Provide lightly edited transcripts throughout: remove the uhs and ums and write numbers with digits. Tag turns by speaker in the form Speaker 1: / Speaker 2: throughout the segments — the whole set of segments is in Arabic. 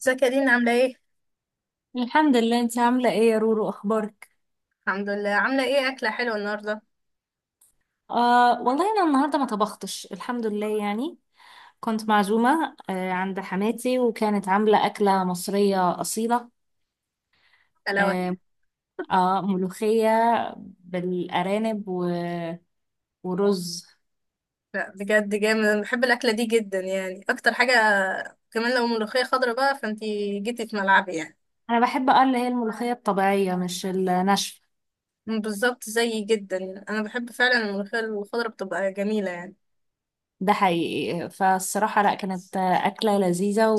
Speaker 1: ازيك يا دينا عاملة ايه؟
Speaker 2: الحمد لله، انت عاملة ايه يا رورو؟ اخبارك؟
Speaker 1: الحمد لله عاملة ايه أكلة حلوة النهاردة؟
Speaker 2: آه والله انا النهاردة ما طبختش الحمد لله يعني. كنت معزومة عند حماتي، وكانت عاملة أكلة مصرية أصيلة.
Speaker 1: ألا وهي
Speaker 2: آه، آه ملوخية بالأرانب ورز.
Speaker 1: لا بجد جامد، أنا بحب الأكلة دي جدا يعني أكتر حاجة. كمان لو ملوخية خضرا بقى فانتي جيتي في ملعبي يعني.
Speaker 2: أنا بحب اللي هي الملوخية الطبيعية مش الناشفة.
Speaker 1: بالظبط زيي جدا يعني. أنا بحب فعلا الملوخية الخضرا بتبقى جميلة يعني.
Speaker 2: ده حقيقي، فالصراحة لا، كانت أكلة لذيذة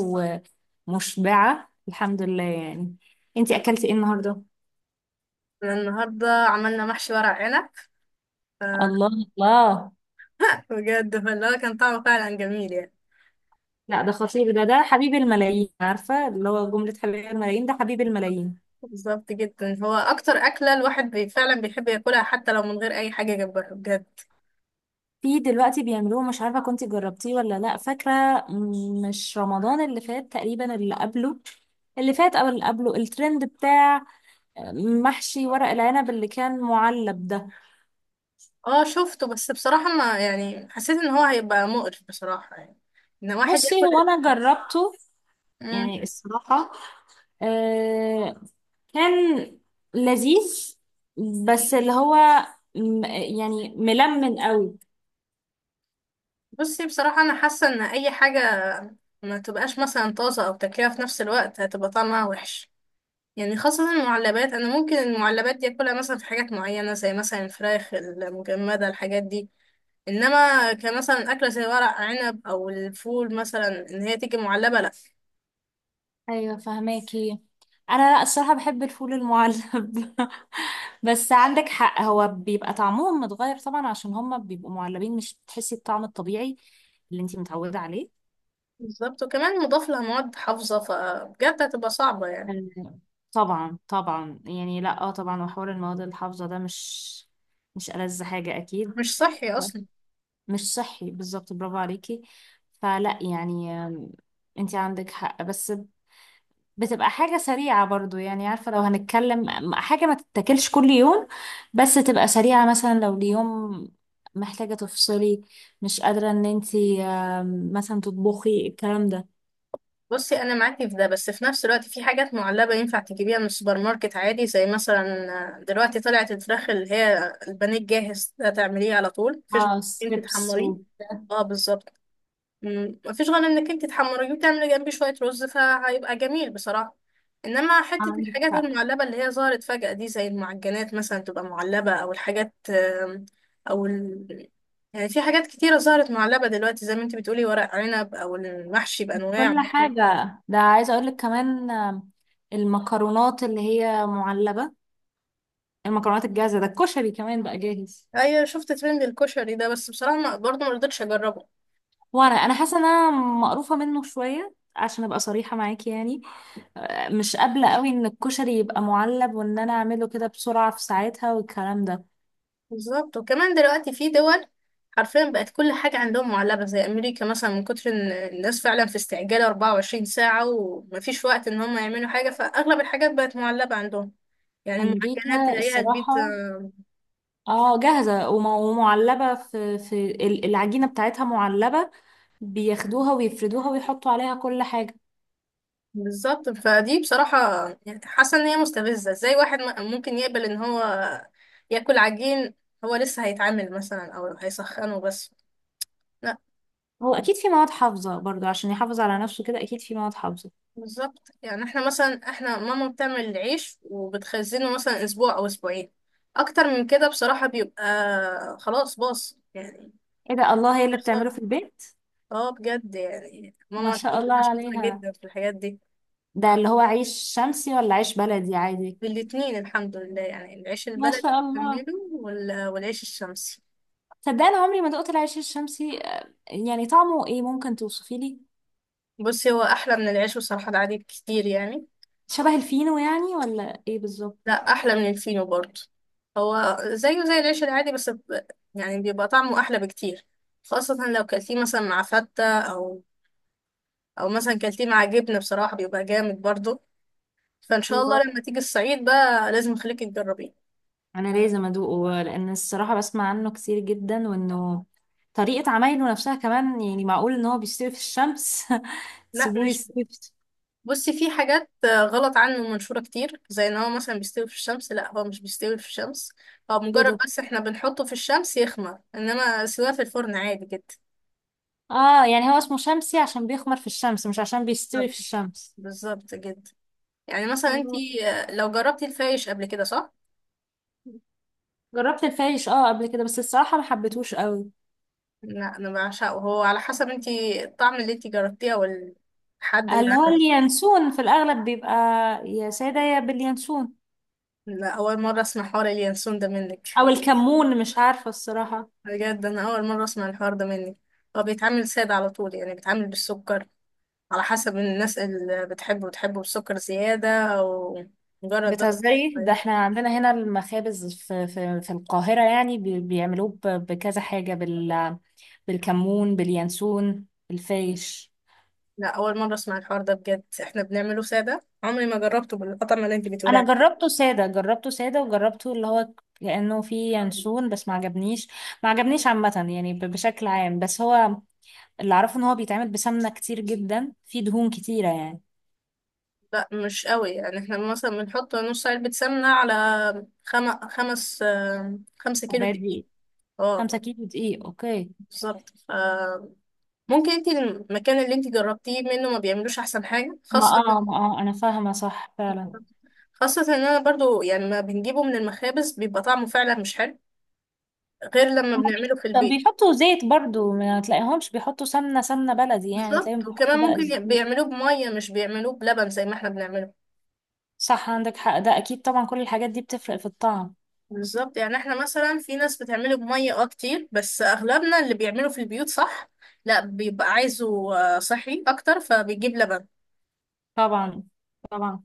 Speaker 2: ومشبعة الحمد لله يعني. انتي أكلتي ايه النهاردة؟
Speaker 1: أنا النهاردة عملنا محشي ورق عنب،
Speaker 2: الله! الله!
Speaker 1: بجد فاللي هو كان طعمه فعلا جميل يعني.
Speaker 2: لا ده خطير، ده حبيب الملايين، عارفة اللي هو جملة حبيب الملايين، ده حبيب الملايين.
Speaker 1: بالظبط جدا، هو أكتر أكلة الواحد فعلا بيحب ياكلها حتى لو من غير أي حاجة جنبها بجد.
Speaker 2: في دلوقتي بيعملوه، مش عارفة كنت جربتيه ولا لا، فاكرة مش رمضان اللي فات تقريبا، اللي قبله، اللي فات او اللي قبله، الترند بتاع محشي ورق العنب اللي كان معلب ده.
Speaker 1: اه شفته بس بصراحة ما يعني حسيت ان هو هيبقى مقرف بصراحة يعني، ان واحد
Speaker 2: بصي هو
Speaker 1: ياكل.
Speaker 2: انا جربته،
Speaker 1: مم.
Speaker 2: يعني الصراحة آه، كان لذيذ، بس اللي هو يعني ملمن قوي.
Speaker 1: بصي بصراحة انا حاسة ان اي حاجة ما تبقاش مثلا طازة او تاكلها في نفس الوقت هتبقى طعمها وحش يعني، خاصة المعلبات. انا ممكن المعلبات دي اكلها مثلا في حاجات معينة زي مثلا الفراخ المجمدة الحاجات دي، انما كمثلا اكلة زي ورق عنب او الفول مثلا ان هي تيجي معلبة لا.
Speaker 2: ايوه فهماكي. انا لا الصراحه بحب الفول المعلب. بس عندك حق، هو بيبقى طعمهم متغير طبعا عشان هما بيبقوا معلبين، مش بتحسي الطعم الطبيعي اللي انتي متعوده عليه.
Speaker 1: بالظبط، وكمان مضاف لها مواد حافظة فبجد هتبقى صعبة يعني.
Speaker 2: أه، طبعا طبعا يعني، لا طبعا. وحوار المواد الحافظه ده مش ألذ حاجه اكيد.
Speaker 1: مش صحي اصلا.
Speaker 2: مش صحي بالظبط، برافو عليكي. فلا يعني، انتي عندك حق، بس بتبقى حاجة سريعة برضو يعني، عارفة لو هنتكلم حاجة ما تتاكلش كل يوم بس تبقى سريعة، مثلا لو اليوم محتاجة تفصلي، مش قادرة ان انتي مثلا تطبخي الكلام ده.
Speaker 1: بصي انا معاكي في ده، بس في نفس الوقت في حاجات معلبه ينفع تجيبيها من السوبر ماركت عادي، زي مثلا دلوقتي طلعت الفراخ اللي هي البانيه الجاهز ده، تعمليه على طول مفيش غير
Speaker 2: اه
Speaker 1: انك انت
Speaker 2: ستريبس
Speaker 1: تحمريه. اه بالظبط. مفيش غير انك انت تحمريه وتعملي جنبيه شويه رز فهيبقى جميل بصراحه. انما حته
Speaker 2: عندك
Speaker 1: الحاجات
Speaker 2: حق،
Speaker 1: المعلبه اللي هي ظهرت فجأة دي زي المعجنات مثلا تبقى معلبه، او الحاجات او ال... يعني في حاجات كتيرة ظهرت معلبة دلوقتي زي ما انت بتقولي، ورق عنب أو المحشي بأنواعه
Speaker 2: كل
Speaker 1: يعني.
Speaker 2: حاجة. ده عايزة اقولك كمان، المكرونات اللي هي معلبة، المكرونات الجاهزة، ده الكشري كمان بقى جاهز.
Speaker 1: ايوه شفت ترند الكشري ده، بس بصراحه ما برضه ما رضيتش اجربه.
Speaker 2: وانا حاسة ان انا مقروفة منه شوية، عشان ابقى صريحة معاكي يعني. مش قابلة قوي ان الكشري يبقى معلب وان انا اعمله كده بسرعة في ساعتها والكلام ده.
Speaker 1: بالظبط. وكمان دلوقتي في دول حرفيا بقت كل حاجه عندهم معلبه، زي امريكا مثلا، من كتر ان الناس فعلا في استعجال 24 ساعه ومفيش وقت ان هم يعملوا حاجه، فاغلب الحاجات بقت معلبه عندهم. يعني المعجنات
Speaker 2: امريكا
Speaker 1: تلاقيها، البيتزا.
Speaker 2: الصراحة، اه جاهزة ومعلبة، العجينة بتاعتها معلبة، بياخدوها ويفردوها ويحطوا عليها كل حاجة.
Speaker 1: بالظبط، فدي بصراحه يعني حاسه ان هي مستفزه، ازاي واحد ممكن يقبل ان هو ياكل عجين، هو لسه هيتعامل مثلا او هيسخنه بس.
Speaker 2: هو اكيد في مواد حافظة برضو عشان يحافظ على نفسه، كده اكيد في مواد حافظة.
Speaker 1: بالظبط. يعني احنا مثلا، احنا ماما بتعمل العيش وبتخزنه مثلا اسبوع او اسبوعين، اكتر من كده بصراحة بيبقى خلاص باص يعني،
Speaker 2: ايه ده! الله، هي اللي
Speaker 1: بيخسر.
Speaker 2: بتعمله في البيت؟
Speaker 1: اه بجد، يعني
Speaker 2: ما
Speaker 1: ماما
Speaker 2: شاء
Speaker 1: الحمد
Speaker 2: الله
Speaker 1: لله شاطرة
Speaker 2: عليها.
Speaker 1: جدا في الحاجات دي.
Speaker 2: ده اللي هو عيش شمسي ولا عيش بلدي عادي؟
Speaker 1: الاتنين الحمد لله، يعني العيش
Speaker 2: ما
Speaker 1: البلدي
Speaker 2: شاء الله.
Speaker 1: بتعمله والعيش الشمسي.
Speaker 2: صدقني أنا عمري ما دقت العيش الشمسي، يعني طعمه ايه؟ ممكن توصفي لي؟
Speaker 1: بصي هو احلى من العيش بصراحة العادي بكتير يعني.
Speaker 2: شبه الفينو يعني ولا ايه بالظبط؟
Speaker 1: لا احلى من الفينو برضه. هو زيه زي العيش العادي يعني بيبقى طعمه احلى بكتير، خاصة لو كلتيه مثلا مع فتة، او او مثلا كلتيه مع جبنة، بصراحة بيبقى جامد برضه. فان شاء
Speaker 2: الله!
Speaker 1: الله لما تيجي الصعيد بقى لازم اخليكي تجربيه.
Speaker 2: انا لازم ادوقه، لان الصراحه بسمع عنه كتير جدا، وانه طريقه عمايله نفسها كمان، يعني معقول ان هو بيستوي في الشمس؟
Speaker 1: لا
Speaker 2: تسيبوه
Speaker 1: مش ب-
Speaker 2: يستوي
Speaker 1: بصي في حاجات غلط عنه منشورة كتير، زي ان هو مثلا بيستوي في الشمس. لا هو مش بيستوي في الشمس، هو
Speaker 2: ايه
Speaker 1: مجرد
Speaker 2: ده!
Speaker 1: بس احنا بنحطه في الشمس يخمر، انما سواه في الفرن عادي جدا.
Speaker 2: اه يعني هو اسمه شمسي عشان بيخمر في الشمس مش عشان
Speaker 1: بالظبط.
Speaker 2: بيستوي في الشمس.
Speaker 1: بالظبط جدا. يعني مثلا انت
Speaker 2: آه.
Speaker 1: لو جربتي الفايش قبل كده، صح؟
Speaker 2: جربت الفايش قبل كده، بس الصراحه ما حبيتهوش قوي.
Speaker 1: لا انا بعشقه، هو على حسب انت الطعم اللي انت جربتيه، او الحد اللي
Speaker 2: اللي هو
Speaker 1: عمله.
Speaker 2: اليانسون في الاغلب بيبقى، يا ساده يا باليانسون،
Speaker 1: لا اول مره اسمع حوار اليانسون ده منك.
Speaker 2: او الكمون، مش عارفة الصراحة.
Speaker 1: بجد انا اول مره اسمع الحوار ده منك. هو بيتعمل ساده على طول، يعني بيتعمل بالسكر على حسب الناس، اللي بتحبه بتحبه بالسكر زياده، او مجرد بس.
Speaker 2: بتهزري! ده
Speaker 1: طيب،
Speaker 2: احنا عندنا هنا المخابز في القاهرة يعني، بيعملوه بكذا حاجة بالكمون، باليانسون، بالفايش.
Speaker 1: لا اول مره اسمع الحوار ده بجد، احنا بنعمله ساده، عمري ما جربته بالقطعه اللي انت بتقولي.
Speaker 2: انا جربته سادة، جربته سادة، وجربته اللي هو كأنه فيه يانسون، بس ما عجبنيش. ما عجبنيش عامة يعني، بشكل عام. بس هو اللي اعرفه ان هو بيتعمل بسمنة كتير جدا، فيه دهون كتيرة يعني.
Speaker 1: لا مش قوي، يعني احنا مثلا بنحط نص علبة سمنة على خم... خمس آه، خمسة كيلو
Speaker 2: كوباية
Speaker 1: دقيق
Speaker 2: دقيق،
Speaker 1: اه
Speaker 2: خمسة كيلو دقيق اوكي.
Speaker 1: بالظبط. ممكن انت المكان اللي انت جربتيه منه ما بيعملوش احسن حاجة
Speaker 2: ما
Speaker 1: خاصة،
Speaker 2: اه ما اه انا فاهمة صح فعلا.
Speaker 1: خاصة ان انا برضو يعني ما بنجيبه من المخابز بيبقى طعمه فعلا مش حلو، غير لما
Speaker 2: هما
Speaker 1: بنعمله
Speaker 2: بي-
Speaker 1: في
Speaker 2: طب
Speaker 1: البيت.
Speaker 2: بيحطوا زيت برضو، ما تلاقيهمش بيحطوا سمنة، سمنة بلدي يعني، تلاقيهم
Speaker 1: بالظبط. وكمان
Speaker 2: بيحطوا بقى
Speaker 1: ممكن
Speaker 2: زيت.
Speaker 1: بيعملوه بمية، مش بيعملوه بلبن زي ما احنا بنعمله.
Speaker 2: صح عندك حق، ده أكيد طبعا كل الحاجات دي بتفرق في الطعم.
Speaker 1: بالظبط. يعني احنا مثلا في ناس بتعمله بمية اه كتير، بس اغلبنا اللي بيعمله في البيوت صح لا، بيبقى عايزه صحي اكتر فبيجيب لبن.
Speaker 2: طبعا طبعا.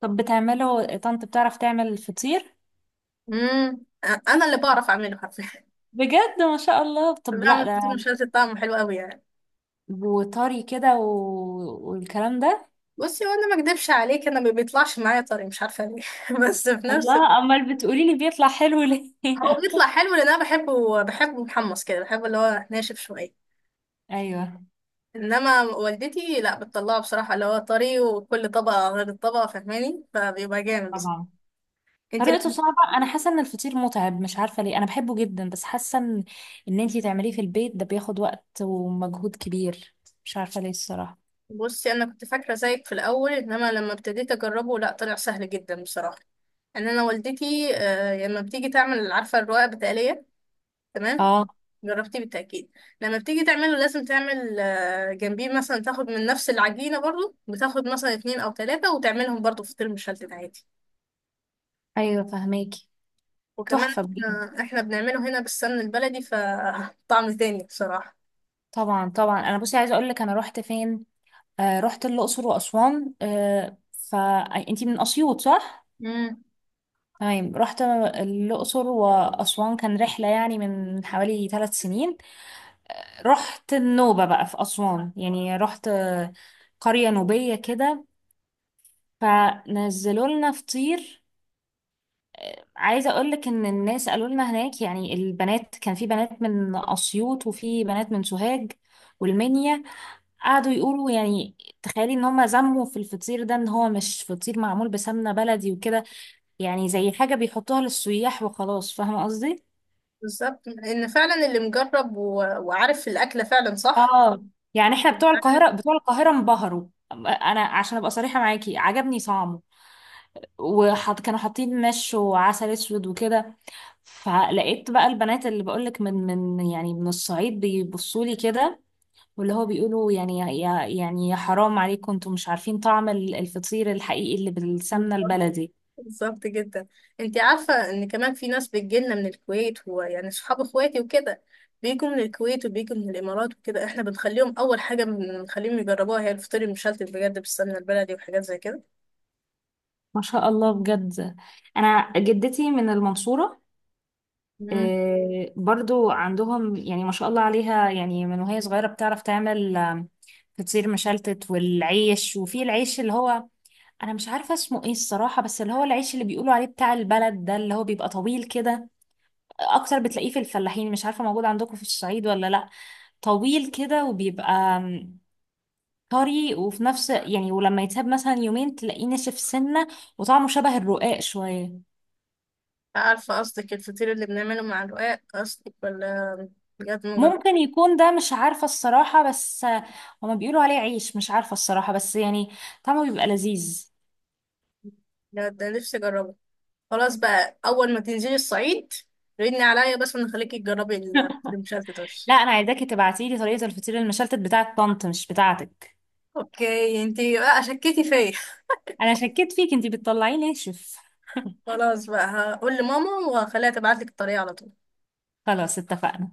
Speaker 2: طب بتعمله طنط؟ بتعرف تعمل فطير؟
Speaker 1: امم. انا اللي بعرف اعمله حرفيا
Speaker 2: بجد ما شاء الله! طب لا
Speaker 1: بعمل فطير
Speaker 2: ده،
Speaker 1: مشلتت طعمه حلو قوي يعني.
Speaker 2: وطري كده والكلام ده.
Speaker 1: بصي وانا ما اكدبش عليك، انا ما بيطلعش معايا طري، مش عارفه ليه بس في نفس
Speaker 2: الله!
Speaker 1: الوقت
Speaker 2: أمال بتقولي لي بيطلع حلو ليه؟
Speaker 1: هو بيطلع حلو لان انا بحبه، بحبه محمص كده، بحبه اللي هو ناشف شويه.
Speaker 2: أيوه.
Speaker 1: انما والدتي لا، بتطلعه بصراحه اللي هو طري، وكل طبقه غير الطبقه فاهماني، فبيبقى جامد.
Speaker 2: طبعا.
Speaker 1: انت
Speaker 2: طريقته صعبة، أنا حاسة إن الفطير متعب، مش عارفة ليه، أنا بحبه جدا بس حاسة إن أنتي تعمليه في البيت ده بياخد وقت ومجهود كبير، مش عارفة ليه الصراحة.
Speaker 1: بصي انا كنت فاكره زيك في الاول، انما لما ابتديت اجربه لا طلع سهل جدا بصراحه، ان انا والدتي لما بتيجي تعمل عارفه الرقاق بتقليه، تمام،
Speaker 2: آه.
Speaker 1: جربتيه بالتاكيد. لما بتيجي تعمله لازم تعمل جنبيه مثلا، تاخد من نفس العجينه برضو، بتاخد مثلا اتنين او تلاته وتعملهم برضو فطير مشلتت عادي.
Speaker 2: أيوة فهماكي.
Speaker 1: وكمان
Speaker 2: تحفة بجد.
Speaker 1: احنا بنعمله هنا بالسمن البلدي فطعم تاني بصراحه.
Speaker 2: طبعا طبعا. أنا بصي عايزة أقولك، أنا رحت فين؟ آه، رحت الأقصر وأسوان. فأنتي من أسيوط صح؟
Speaker 1: امم
Speaker 2: تمام. رحت الأقصر وأسوان، كان رحلة يعني من حوالي ثلاث سنين. رحت النوبة بقى في أسوان، يعني رحت قرية نوبية كده، فنزلوا لنا فطير. عايزه اقول لك ان الناس قالوا لنا هناك، يعني البنات، كان في بنات من اسيوط وفي بنات من سوهاج والمنيا، قعدوا يقولوا يعني، تخيلي ان هم زموا في الفطير ده، ان هو مش فطير معمول بسمنه بلدي وكده، يعني زي حاجه بيحطوها للسياح وخلاص، فاهمه قصدي.
Speaker 1: بالظبط، ان فعلا اللي مجرب وعارف الاكله فعلا صح.
Speaker 2: اه، يعني احنا بتوع
Speaker 1: عارف
Speaker 2: القاهره، بتوع القاهره انبهروا. انا عشان ابقى صريحه معاكي عجبني طعمه، كانوا حاطين مش، وعسل اسود وكده. فلقيت بقى البنات اللي بقولك من يعني من الصعيد، بيبصوا لي كده، واللي هو بيقولوا يعني، يا يعني يا حرام عليكم! انتوا مش عارفين طعم الفطير الحقيقي اللي بالسمنة البلدي.
Speaker 1: بالظبط جدا. انت عارفة ان كمان في ناس بتجيلنا من الكويت، ويعني صحاب اخواتي وكده بيجوا من الكويت وبيجوا من الامارات وكده، احنا بنخليهم اول حاجة بنخليهم يجربوها هي الفطير المشلتت بجد بالسمنة البلدي، وحاجات زي كده.
Speaker 2: ما شاء الله بجد. انا جدتي من المنصورة.
Speaker 1: مم.
Speaker 2: آه، برضو عندهم، يعني ما شاء الله عليها، يعني من وهي صغيرة بتعرف تعمل، فطير مشلتت والعيش. وفي العيش اللي هو، انا مش عارفة اسمه ايه الصراحة، بس اللي هو العيش اللي بيقولوا عليه بتاع البلد ده، اللي هو بيبقى طويل كده، اكتر بتلاقيه في الفلاحين، مش عارفه موجود عندكم في الصعيد ولا لا. طويل كده وبيبقى طري، وفي نفس يعني، ولما يتساب مثلا يومين تلاقيه ناشف سنه، وطعمه شبه الرقاق شويه.
Speaker 1: عارفة قصدك الفطير اللي بنعمله مع الرقاق قصدك، ولا بجد مجرب؟
Speaker 2: ممكن يكون ده، مش عارفه الصراحه، بس هما بيقولوا عليه عيش، مش عارفه الصراحه بس يعني طعمه بيبقى لذيذ.
Speaker 1: بجد ده نفسي اجربه. خلاص بقى اول ما تنزلي الصعيد ردني عليا بس ونخليكي تجربي الفطير المشلتت بس.
Speaker 2: لا انا عايزاكي تبعتي لي طريقه الفطير المشلتت بتاعه طنط، مش بتاعتك.
Speaker 1: اوكي انتي بقى شكيتي فيا.
Speaker 2: انا شكيت فيك، انتي بتطلعيه ناشف.
Speaker 1: خلاص بقى، هقول لماما وهخليها تبعت لك الطريقة على طول.
Speaker 2: خلاص اتفقنا.